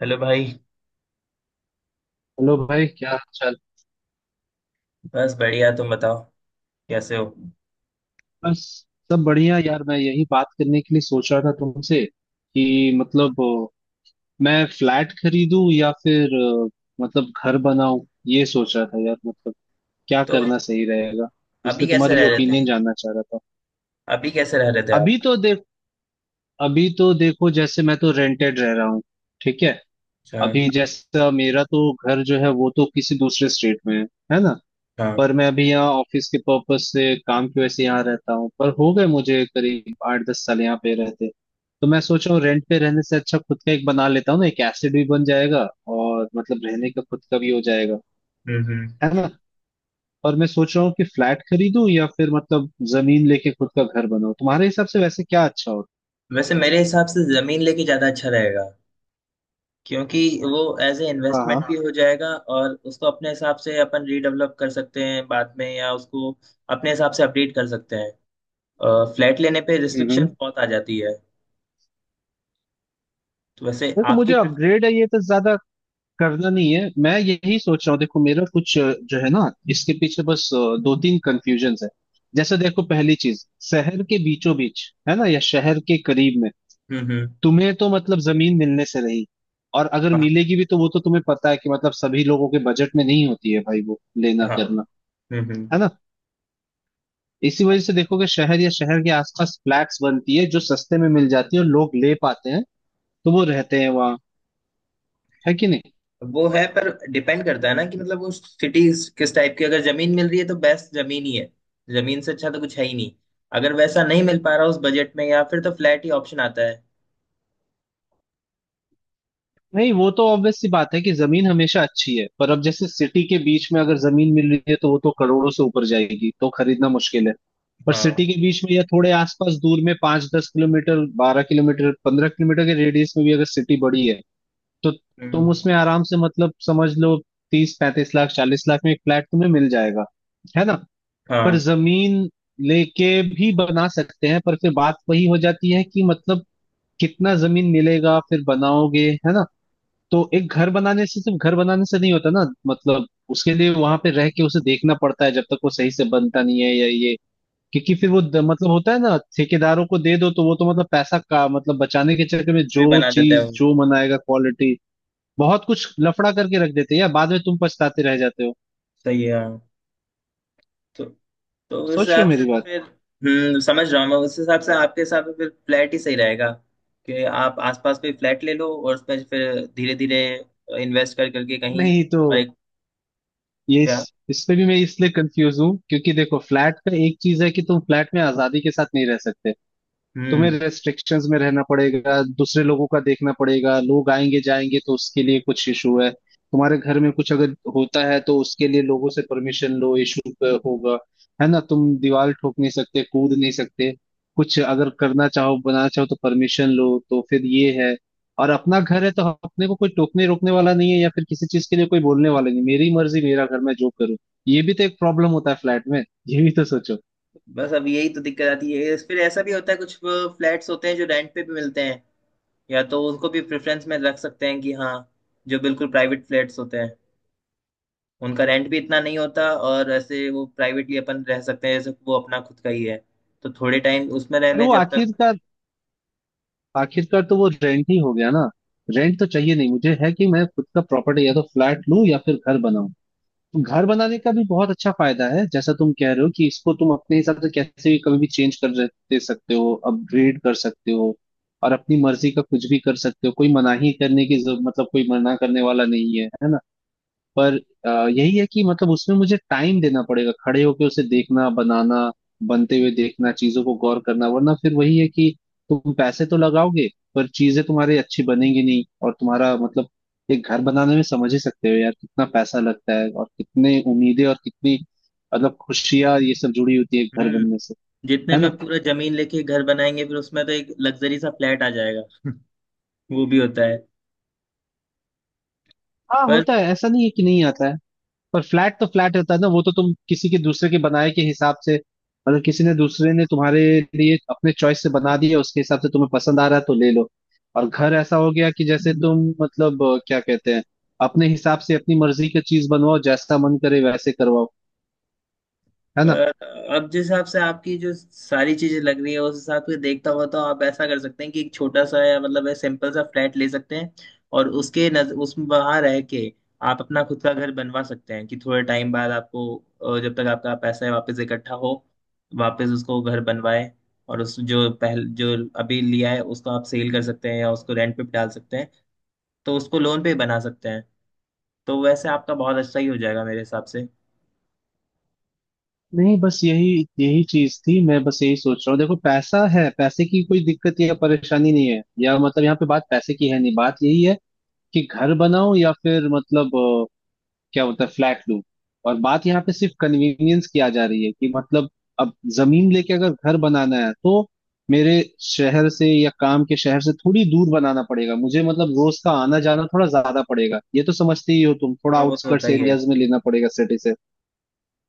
Hello भाई। Hello भाई, क्या हाल चाल। बस बढ़िया, तुम बताओ कैसे हो। बस सब बढ़िया यार, मैं यही बात करने के लिए सोच रहा था तुमसे कि मतलब मैं फ्लैट खरीदूं या फिर मतलब घर बनाऊं। ये सोच रहा था यार, मतलब क्या तो करना सही रहेगा। इस अभी पे कैसे तुम्हारी रह रहे थे? ओपिनियन जानना चाह रहा था। अभी कैसे रह रहे थे आप? अभी तो देख अभी तो देखो, जैसे मैं तो रेंटेड रह रहा हूँ। ठीक है। अच्छा। अभी जैसा मेरा तो घर जो है वो तो किसी दूसरे स्टेट में है ना। हाँ। पर मैं अभी यहाँ ऑफिस के पर्पस से काम की वजह से यहाँ रहता हूँ, पर हो गए मुझे करीब 8-10 साल यहाँ पे रहते। तो मैं सोच रहा हूँ रेंट पे रहने से अच्छा खुद का एक बना लेता हूँ ना, एक एसेट भी बन जाएगा और मतलब रहने का खुद का भी हो जाएगा। हम्म। है ना। और मैं सोच रहा हूँ कि फ्लैट खरीदूं या फिर मतलब जमीन लेके खुद का घर बनाऊं, तुम्हारे हिसाब से वैसे क्या अच्छा होता। वैसे मेरे हिसाब से जमीन लेके ज्यादा अच्छा रहेगा, क्योंकि वो एज ए हाँ हाँ। इन्वेस्टमेंट भी हो जाएगा। और उसको अपने हिसाब से अपन रीडेवलप कर सकते हैं बाद में, या उसको अपने हिसाब से अपडेट कर सकते हैं। फ्लैट लेने पे हम्म रिस्ट्रिक्शन हम्म। बहुत आ जाती है। तो वैसे देखो, मुझे आपकी अपग्रेड है ये तो ज्यादा करना नहीं है, मैं यही सोच रहा हूँ। देखो मेरा कुछ जो है ना इसके पीछे बस 2-3 कंफ्यूजन है। जैसे देखो पहली चीज, शहर के बीचों बीच है ना या शहर के करीब में। हम्म। तुम्हें तो मतलब जमीन मिलने से रही, और अगर हाँ मिलेगी भी तो वो तो तुम्हें पता है कि मतलब सभी लोगों के बजट में नहीं होती है भाई वो लेना हाँ, करना। हम्म। है ना। इसी वजह से देखोगे शहर या शहर के आसपास फ्लैट्स बनती है जो सस्ते में मिल जाती है और लोग ले पाते हैं, तो वो रहते हैं वहाँ। है कि नहीं। वो है, पर डिपेंड करता है ना कि मतलब वो सिटी किस टाइप की। अगर जमीन मिल रही है तो बेस्ट जमीन ही है। जमीन से अच्छा तो कुछ है ही नहीं। अगर वैसा नहीं मिल पा रहा उस बजट में, या फिर, तो फ्लैट ही ऑप्शन आता है। नहीं, वो तो ऑब्वियस सी बात है कि जमीन हमेशा अच्छी है, पर अब जैसे सिटी के बीच में अगर जमीन मिल रही है तो वो तो करोड़ों से ऊपर जाएगी, तो खरीदना मुश्किल है। पर हाँ। सिटी के बीच में या थोड़े आसपास दूर में 5-10 किलोमीटर, 12 किलोमीटर, 15 किलोमीटर के रेडियस में भी अगर सिटी बड़ी है, तो तुम हम्म, उसमें आराम से मतलब समझ लो 30-35 लाख, 40 लाख में एक फ्लैट तुम्हें मिल जाएगा। है ना। पर हाँ। जमीन लेके भी बना सकते हैं, पर फिर बात वही हो जाती है कि मतलब कितना जमीन मिलेगा फिर बनाओगे, है ना। तो एक घर बनाने से, सिर्फ घर बनाने से नहीं होता ना, मतलब उसके लिए वहां पे रह के उसे देखना पड़ता है जब तक वो सही से बनता नहीं है, या ये क्योंकि फिर मतलब होता है ना, ठेकेदारों को दे दो तो वो तो मतलब पैसा का, मतलब बचाने के चक्कर में कुछ भी जो बना देता है वो। चीज जो मनाएगा, क्वालिटी बहुत कुछ लफड़ा करके रख देते हैं यार, बाद में तुम पछताते रह जाते हो। सही है, हाँ। तो तो उस सोच रहे हो हिसाब से मेरी तो बात। फिर, हम्म, समझ रहा हूँ मैं। उस हिसाब से आपके हिसाब से फिर फ्लैट ही सही रहेगा, कि आप आसपास कोई फ्लैट ले लो और उसमें फिर धीरे धीरे इन्वेस्ट कर करके कहीं। नहीं तो और एक, क्या? इस पे भी मैं इसलिए कंफ्यूज हूँ, क्योंकि देखो फ्लैट का एक चीज है कि तुम फ्लैट में आजादी के साथ नहीं रह सकते। तुम्हें हम्म। रेस्ट्रिक्शंस में रहना पड़ेगा, दूसरे लोगों का देखना पड़ेगा, लोग आएंगे जाएंगे तो उसके लिए कुछ इशू है। तुम्हारे घर में कुछ अगर होता है तो उसके लिए लोगों से परमिशन लो, इशू होगा। है ना। तुम दीवार ठोक नहीं सकते, कूद नहीं सकते, कुछ अगर करना चाहो बनाना चाहो तो परमिशन लो, तो फिर ये है। और अपना घर है तो अपने को कोई टोकने रोकने वाला नहीं है, या फिर किसी चीज के लिए कोई बोलने वाला नहीं, मेरी मर्जी मेरा घर मैं जो करूँ। ये भी तो एक प्रॉब्लम होता है फ्लैट में। ये भी तो सोचो। बस अब यही तो दिक्कत आती है। फिर ऐसा भी होता है, कुछ फ्लैट्स होते हैं जो रेंट पे भी मिलते हैं। या तो उनको भी प्रेफरेंस में रख सकते हैं कि हाँ, जो बिल्कुल प्राइवेट फ्लैट्स होते हैं, उनका रेंट भी इतना नहीं होता। और ऐसे वो प्राइवेटली अपन रह सकते हैं जैसे वो अपना खुद का ही है। तो थोड़े टाइम उसमें रह पर लें वो जब तक। आखिरकार, आखिरकार तो वो रेंट ही हो गया ना। रेंट तो चाहिए नहीं मुझे, है कि मैं खुद का प्रॉपर्टी या तो फ्लैट लूं या फिर घर बनाऊं। तो घर बनाने का भी बहुत अच्छा फायदा है, जैसा तुम कह रहे हो कि इसको तुम अपने हिसाब से कैसे भी कभी भी चेंज कर दे सकते हो, अपग्रेड कर सकते हो, और अपनी मर्जी का कुछ भी कर सकते हो, कोई मनाही करने की जरूरत, मतलब कोई मना करने वाला नहीं है, है ना। पर यही है कि मतलब उसमें मुझे टाइम देना पड़ेगा खड़े होके उसे देखना बनाना, बनते हुए देखना, चीजों को गौर करना, वरना फिर वही है कि तुम पैसे तो लगाओगे पर चीजें तुम्हारी अच्छी बनेंगी नहीं, और तुम्हारा मतलब एक घर बनाने में समझ ही सकते हो यार कितना पैसा लगता है, और कितने उम्मीदें और कितनी मतलब खुशियां ये सब जुड़ी होती है एक घर हम्म। बनने से। जितने है में ना। पूरा जमीन लेके घर बनाएंगे, फिर उसमें तो एक लग्जरी सा फ्लैट आ जाएगा। वो भी होता है। हाँ पर होता है, ऐसा नहीं है कि नहीं आता है, पर फ्लैट तो फ्लैट होता है ना, वो तो तुम किसी के दूसरे के बनाए के हिसाब से, मतलब किसी ने दूसरे ने तुम्हारे लिए अपने चॉइस से बना दिया, उसके हिसाब से तुम्हें पसंद आ रहा है तो ले लो। और घर ऐसा हो गया कि जैसे तुम मतलब क्या कहते हैं, अपने हिसाब से अपनी मर्जी की चीज बनवाओ, जैसा मन करे वैसे करवाओ। है ना। पर अब जिस हिसाब से आपकी जो सारी चीजें लग रही है, उस हिसाब से देखता हुआ तो आप ऐसा कर सकते हैं कि एक छोटा सा, या मतलब है, सिंपल सा फ्लैट ले सकते हैं। और उसके नज उस वहां रह के आप अपना खुद का घर बनवा सकते हैं। कि थोड़े टाइम बाद आपको जब तक आपका पैसा है वापस इकट्ठा हो, वापस उसको घर बनवाए। और उस जो पहल, जो अभी लिया है, उसको आप सेल कर सकते हैं या उसको रेंट पे भी डाल सकते हैं। तो उसको लोन पे बना सकते हैं। तो वैसे आपका बहुत अच्छा ही हो जाएगा मेरे हिसाब से। नहीं, बस यही यही चीज थी, मैं बस यही सोच रहा हूँ, देखो पैसा है, पैसे की कोई दिक्कत या परेशानी नहीं है, या मतलब यहाँ पे बात पैसे की है नहीं, बात यही है कि घर बनाओ या फिर मतलब क्या होता है फ्लैट लूप। और बात यहाँ पे सिर्फ कन्वीनियंस की आ जा रही है कि मतलब अब जमीन लेके अगर घर बनाना है तो मेरे शहर से या काम के शहर से थोड़ी दूर बनाना पड़ेगा मुझे, मतलब रोज का आना जाना थोड़ा ज्यादा पड़ेगा, ये तो समझते ही हो तुम, थोड़ा हाँ वो तो होता आउटस्कर्ट्स ही है। एरियाज में लेना पड़ेगा सिटी से।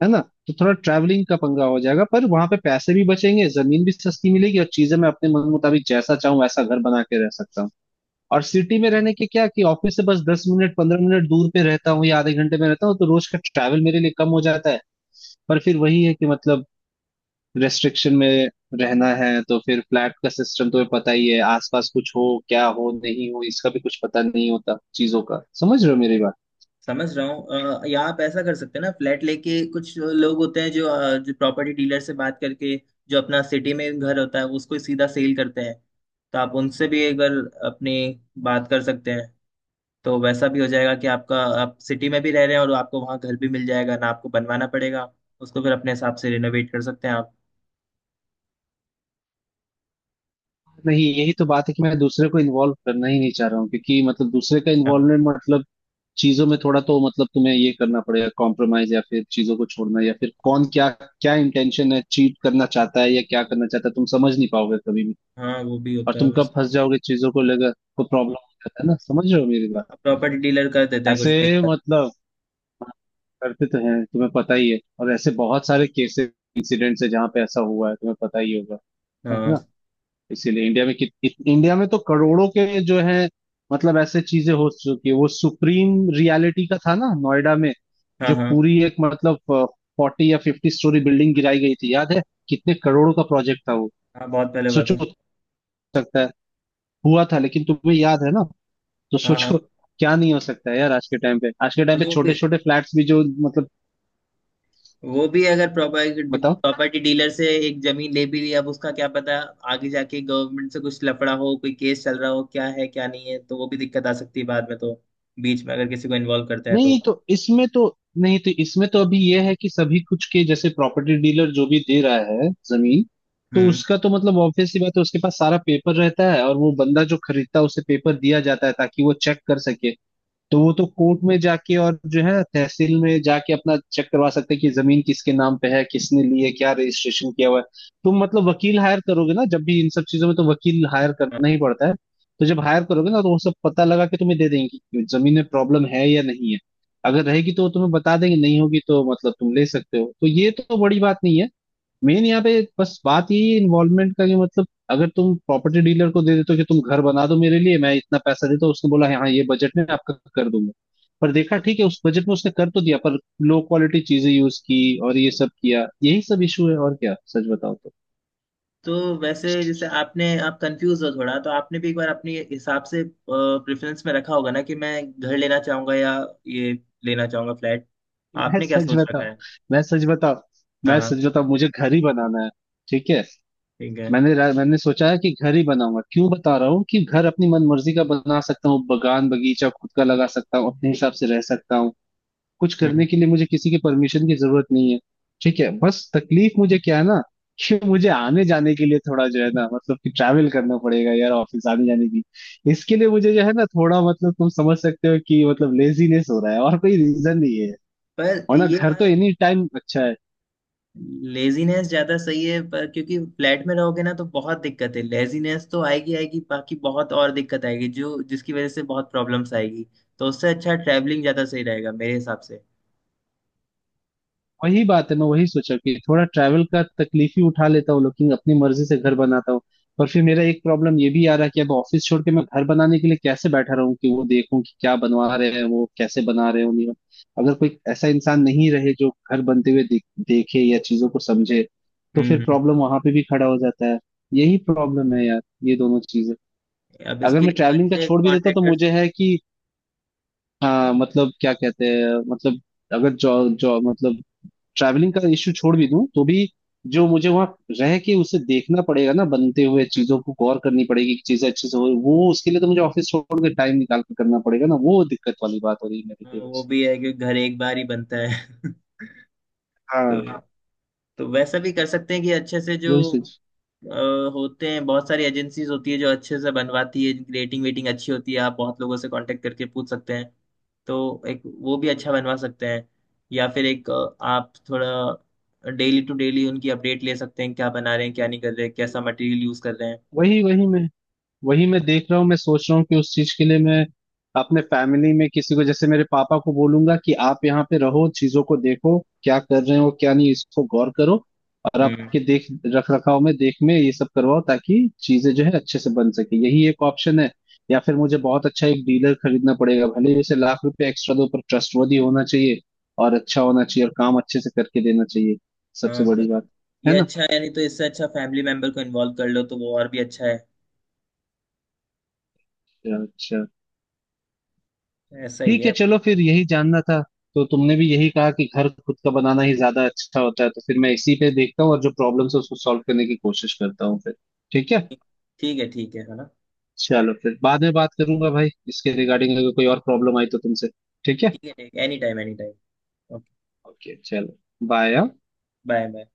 है ना। तो थोड़ा ट्रैवलिंग का पंगा हो जाएगा, पर वहां पे पैसे भी बचेंगे, जमीन भी सस्ती मिलेगी, और चीजें मैं अपने मन मुताबिक जैसा चाहूँ वैसा घर बना के रह सकता हूँ। और सिटी में रहने के क्या कि ऑफिस से बस 10 मिनट, 15 मिनट दूर पे रहता हूँ या आधे घंटे में रहता हूँ, तो रोज का ट्रैवल मेरे लिए कम हो जाता है। पर फिर वही है कि मतलब रेस्ट्रिक्शन में रहना है, तो फिर फ्लैट का सिस्टम तुम्हें पता ही है, आसपास कुछ हो, क्या हो नहीं हो इसका भी कुछ पता नहीं होता चीजों का, समझ रहे हो मेरी बात। समझ रहा हूँ। या आप ऐसा कर सकते हैं ना, फ्लैट लेके। कुछ लोग होते हैं जो जो प्रॉपर्टी डीलर से बात करके जो अपना सिटी में घर होता है उसको ही सीधा सेल करते हैं। तो आप उनसे भी एक बार अपनी बात कर सकते हैं। तो वैसा भी हो जाएगा कि आपका, आप सिटी में भी रह रहे हैं और आपको वहाँ घर भी मिल जाएगा ना, आपको बनवाना पड़ेगा। उसको फिर अपने हिसाब से रिनोवेट कर सकते हैं आप। नहीं, यही तो बात है कि मैं दूसरे को इन्वॉल्व करना ही नहीं चाह रहा हूँ, क्योंकि मतलब दूसरे का हाँ इन्वॉल्वमेंट, मतलब चीजों में थोड़ा तो मतलब तुम्हें ये करना पड़ेगा कॉम्प्रोमाइज, या फिर चीजों को छोड़ना, या फिर कौन क्या क्या इंटेंशन है, चीट करना चाहता है या क्या करना चाहता है तुम समझ नहीं पाओगे कभी भी। हाँ, वो भी और होता है तुम कब वैसे। फंस जाओगे चीजों को लेकर तो प्रॉब्लम हो जाता है ना, समझ रहे हो मेरी बात। प्रॉपर्टी डीलर कर देते हैं कुछ ऐसे दिक्कत। मतलब, हाँ, करते तो हैं, तुम्हें पता ही है, और ऐसे बहुत सारे केसेस इंसिडेंट्स है जहाँ पे ऐसा हुआ है, तुम्हें पता ही होगा। है ना। हाँ। इसीलिए इंडिया में इंडिया में तो करोड़ों के जो है, मतलब ऐसे चीजें हो चुकी है, वो सुप्रीम रियलिटी का था ना नोएडा में, हाँ। जो हाँ पूरी एक मतलब 40 या 50 स्टोरी बिल्डिंग गिराई गई थी, याद है। कितने करोड़ों का प्रोजेक्ट था वो। हाँ, बहुत पहले बात सोचो, है। हो सकता है, हुआ था लेकिन तुम्हें याद है ना। तो हाँ हाँ। सोचो क्या नहीं हो सकता है यार, आज के टाइम पे, आज के टाइम पे वो छोटे भी, छोटे फ्लैट्स भी जो वो भी अगर प्रॉपर्टी मतलब। प्रॉपर्टी डीलर से एक जमीन ले भी ली, अब उसका क्या पता। आगे जाके गवर्नमेंट से कुछ लफड़ा हो, कोई केस चल रहा हो, क्या है क्या नहीं है, तो वो भी दिक्कत आ सकती है बाद में तो। बीच में अगर किसी को इन्वॉल्व करता है तो। नहीं तो इसमें तो, अभी यह है कि सभी कुछ के, जैसे प्रॉपर्टी डीलर जो भी दे रहा है जमीन, तो हम्म। उसका तो मतलब ऑब्वियसली बात है, उसके पास सारा पेपर रहता है और वो बंदा जो खरीदता है उसे पेपर दिया जाता है ताकि वो चेक कर सके। तो वो तो कोर्ट में जाके और जो है तहसील में जाके अपना चेक करवा सकते हैं कि जमीन किसके नाम पे है, किसने ली है, क्या रजिस्ट्रेशन किया हुआ है। तुम मतलब वकील हायर करोगे ना, जब भी इन सब चीजों में तो वकील हायर करना ही पड़ता है। तो जब हायर करोगे ना तो वो सब पता लगा के तुम्हें दे देंगे कि जमीन में प्रॉब्लम है या नहीं है, अगर रहेगी तो वो तुम्हें बता देंगे, नहीं होगी तो मतलब तुम ले सकते हो, तो ये तो बड़ी बात नहीं है। मेन यहाँ पे बस बात यही है इन्वॉल्वमेंट का, कि मतलब अगर तुम प्रॉपर्टी डीलर को दे देते हो कि तुम घर बना दो मेरे लिए, मैं इतना पैसा देता हूँ, उसने बोला हाँ ये बजट में आपका कर दूंगा। पर देखा, ठीक है उस बजट में उसने कर तो दिया, पर लो क्वालिटी चीजें यूज की और ये सब किया, यही सब इशू है और क्या, सच बताओ तो। तो वैसे, जैसे आपने आप कंफ्यूज हो थोड़ा, तो आपने भी एक बार अपने हिसाब से प्रेफरेंस में रखा होगा ना, कि मैं घर लेना चाहूंगा या ये लेना चाहूंगा, फ्लैट। मैं आपने क्या सच सोच रखा बताओ, है? मैं सच बताओ हाँ मैं हाँ, सच बताओ मुझे घर ही बनाना है। ठीक है। ठीक है। मैंने सोचा है कि घर ही बनाऊंगा, क्यों बता रहा हूँ कि घर अपनी मन मर्जी का बना सकता हूँ, बगान बगीचा खुद का लगा सकता हूँ, अपने हिसाब से रह सकता हूँ, कुछ हम्म। करने के लिए मुझे किसी की परमिशन की जरूरत नहीं है। ठीक है। बस तकलीफ मुझे क्या है ना, कि मुझे आने जाने के लिए थोड़ा जो है ना मतलब कि ट्रैवल करना पड़ेगा यार ऑफिस आने जाने की। इसके लिए मुझे जो है ना, थोड़ा मतलब तुम समझ सकते हो कि मतलब लेजीनेस हो रहा है और कोई रीजन नहीं है, पर और ना, ये घर तो बा- एनी टाइम अच्छा है। लेजीनेस ज्यादा सही है, पर क्योंकि फ्लैट में रहोगे ना तो बहुत दिक्कत है। लेजीनेस तो आएगी आएगी, बाकी बहुत और दिक्कत आएगी, जो जिसकी वजह से बहुत प्रॉब्लम्स आएगी। तो उससे अच्छा ट्रैवलिंग ज्यादा सही रहेगा मेरे हिसाब से। वही बात है, मैं वही सोचा कि थोड़ा ट्रैवल का तकलीफ ही उठा लेता हूँ लेकिन अपनी मर्जी से घर बनाता हूँ। पर फिर मेरा एक प्रॉब्लम ये भी आ रहा है कि अब ऑफिस छोड़ के मैं घर बनाने के लिए कैसे बैठा रहूं कि वो देखूं कि क्या बनवा रहे हैं, वो कैसे बना रहे हैं उन्हें, अगर कोई ऐसा इंसान नहीं रहे जो घर बनते हुए देखे या चीजों को समझे, तो फिर हम्म हम्म। प्रॉब्लम वहां पे भी खड़ा हो जाता है। यही प्रॉब्लम है यार, ये दोनों चीजें। अब अगर इसके मैं लिए तो ट्रैवलिंग का अच्छे छोड़ भी देता तो कॉन्ट्रैक्टर्स। मुझे है कि, हाँ मतलब क्या कहते हैं मतलब, अगर जॉब जॉब मतलब ट्रैवलिंग का इश्यू छोड़ भी दूं तो भी जो मुझे वहां रह के उसे देखना पड़ेगा ना, बनते हुए चीजों को गौर करनी पड़ेगी कि चीजें अच्छे से हो, वो उसके लिए तो मुझे ऑफिस छोड़ के टाइम निकाल के करना पड़ेगा ना, वो दिक्कत वाली बात हो रही है मेरे लिए वो बस। भी है कि घर एक बार ही बनता है। हाँ, तो तो वैसा भी कर सकते हैं कि अच्छे से जो वही सोच अ, होते हैं, बहुत सारी एजेंसीज होती है जो अच्छे से बनवाती है, जिनकी रेटिंग वेटिंग अच्छी होती है। आप बहुत लोगों से कांटेक्ट करके पूछ सकते हैं। तो एक वो भी अच्छा बनवा सकते हैं। या फिर एक, आप थोड़ा डेली टू डेली उनकी अपडेट ले सकते हैं, क्या बना रहे हैं क्या नहीं कर रहे हैं, कैसा मटेरियल यूज कर रहे हैं। वही वही मैं देख रहा हूँ, मैं सोच रहा हूँ कि उस चीज के लिए मैं अपने फैमिली में किसी को, जैसे मेरे पापा को बोलूंगा कि आप यहाँ पे रहो, चीजों को देखो क्या कर रहे हो क्या नहीं, इसको गौर करो, और हम्म। आपके देख रख रखाव में, देख में ये सब करवाओ ताकि चीजें जो है अच्छे से बन सके, यही एक ऑप्शन है। या फिर मुझे बहुत अच्छा एक डीलर खरीदना पड़ेगा, भले ही उसे लाख रुपए एक्स्ट्रा दो, पर ट्रस्टवर्दी होना चाहिए, और अच्छा होना चाहिए, और काम अच्छे से करके देना चाहिए, सबसे हाँ बस, बड़ी बात। ये है ना। अच्छा है। यानी तो इससे अच्छा फैमिली मेंबर को इन्वॉल्व कर लो, तो वो और भी अच्छा है। अच्छा, ऐसा ही ठीक है है। चलो फिर, यही जानना था। तो तुमने भी यही कहा कि घर खुद का बनाना ही ज्यादा अच्छा होता है, तो फिर मैं इसी पे देखता हूँ और जो प्रॉब्लम्स है उसको सॉल्व करने की कोशिश करता हूँ फिर। ठीक है। ठीक है, ठीक है ना। चलो फिर बाद में बात करूंगा भाई इसके रिगार्डिंग अगर कोई और प्रॉब्लम आई तो तुमसे। ठीक है, ठीक है ठीक है, any time any time. Okay. Okay, चलो बाय। Bye bye.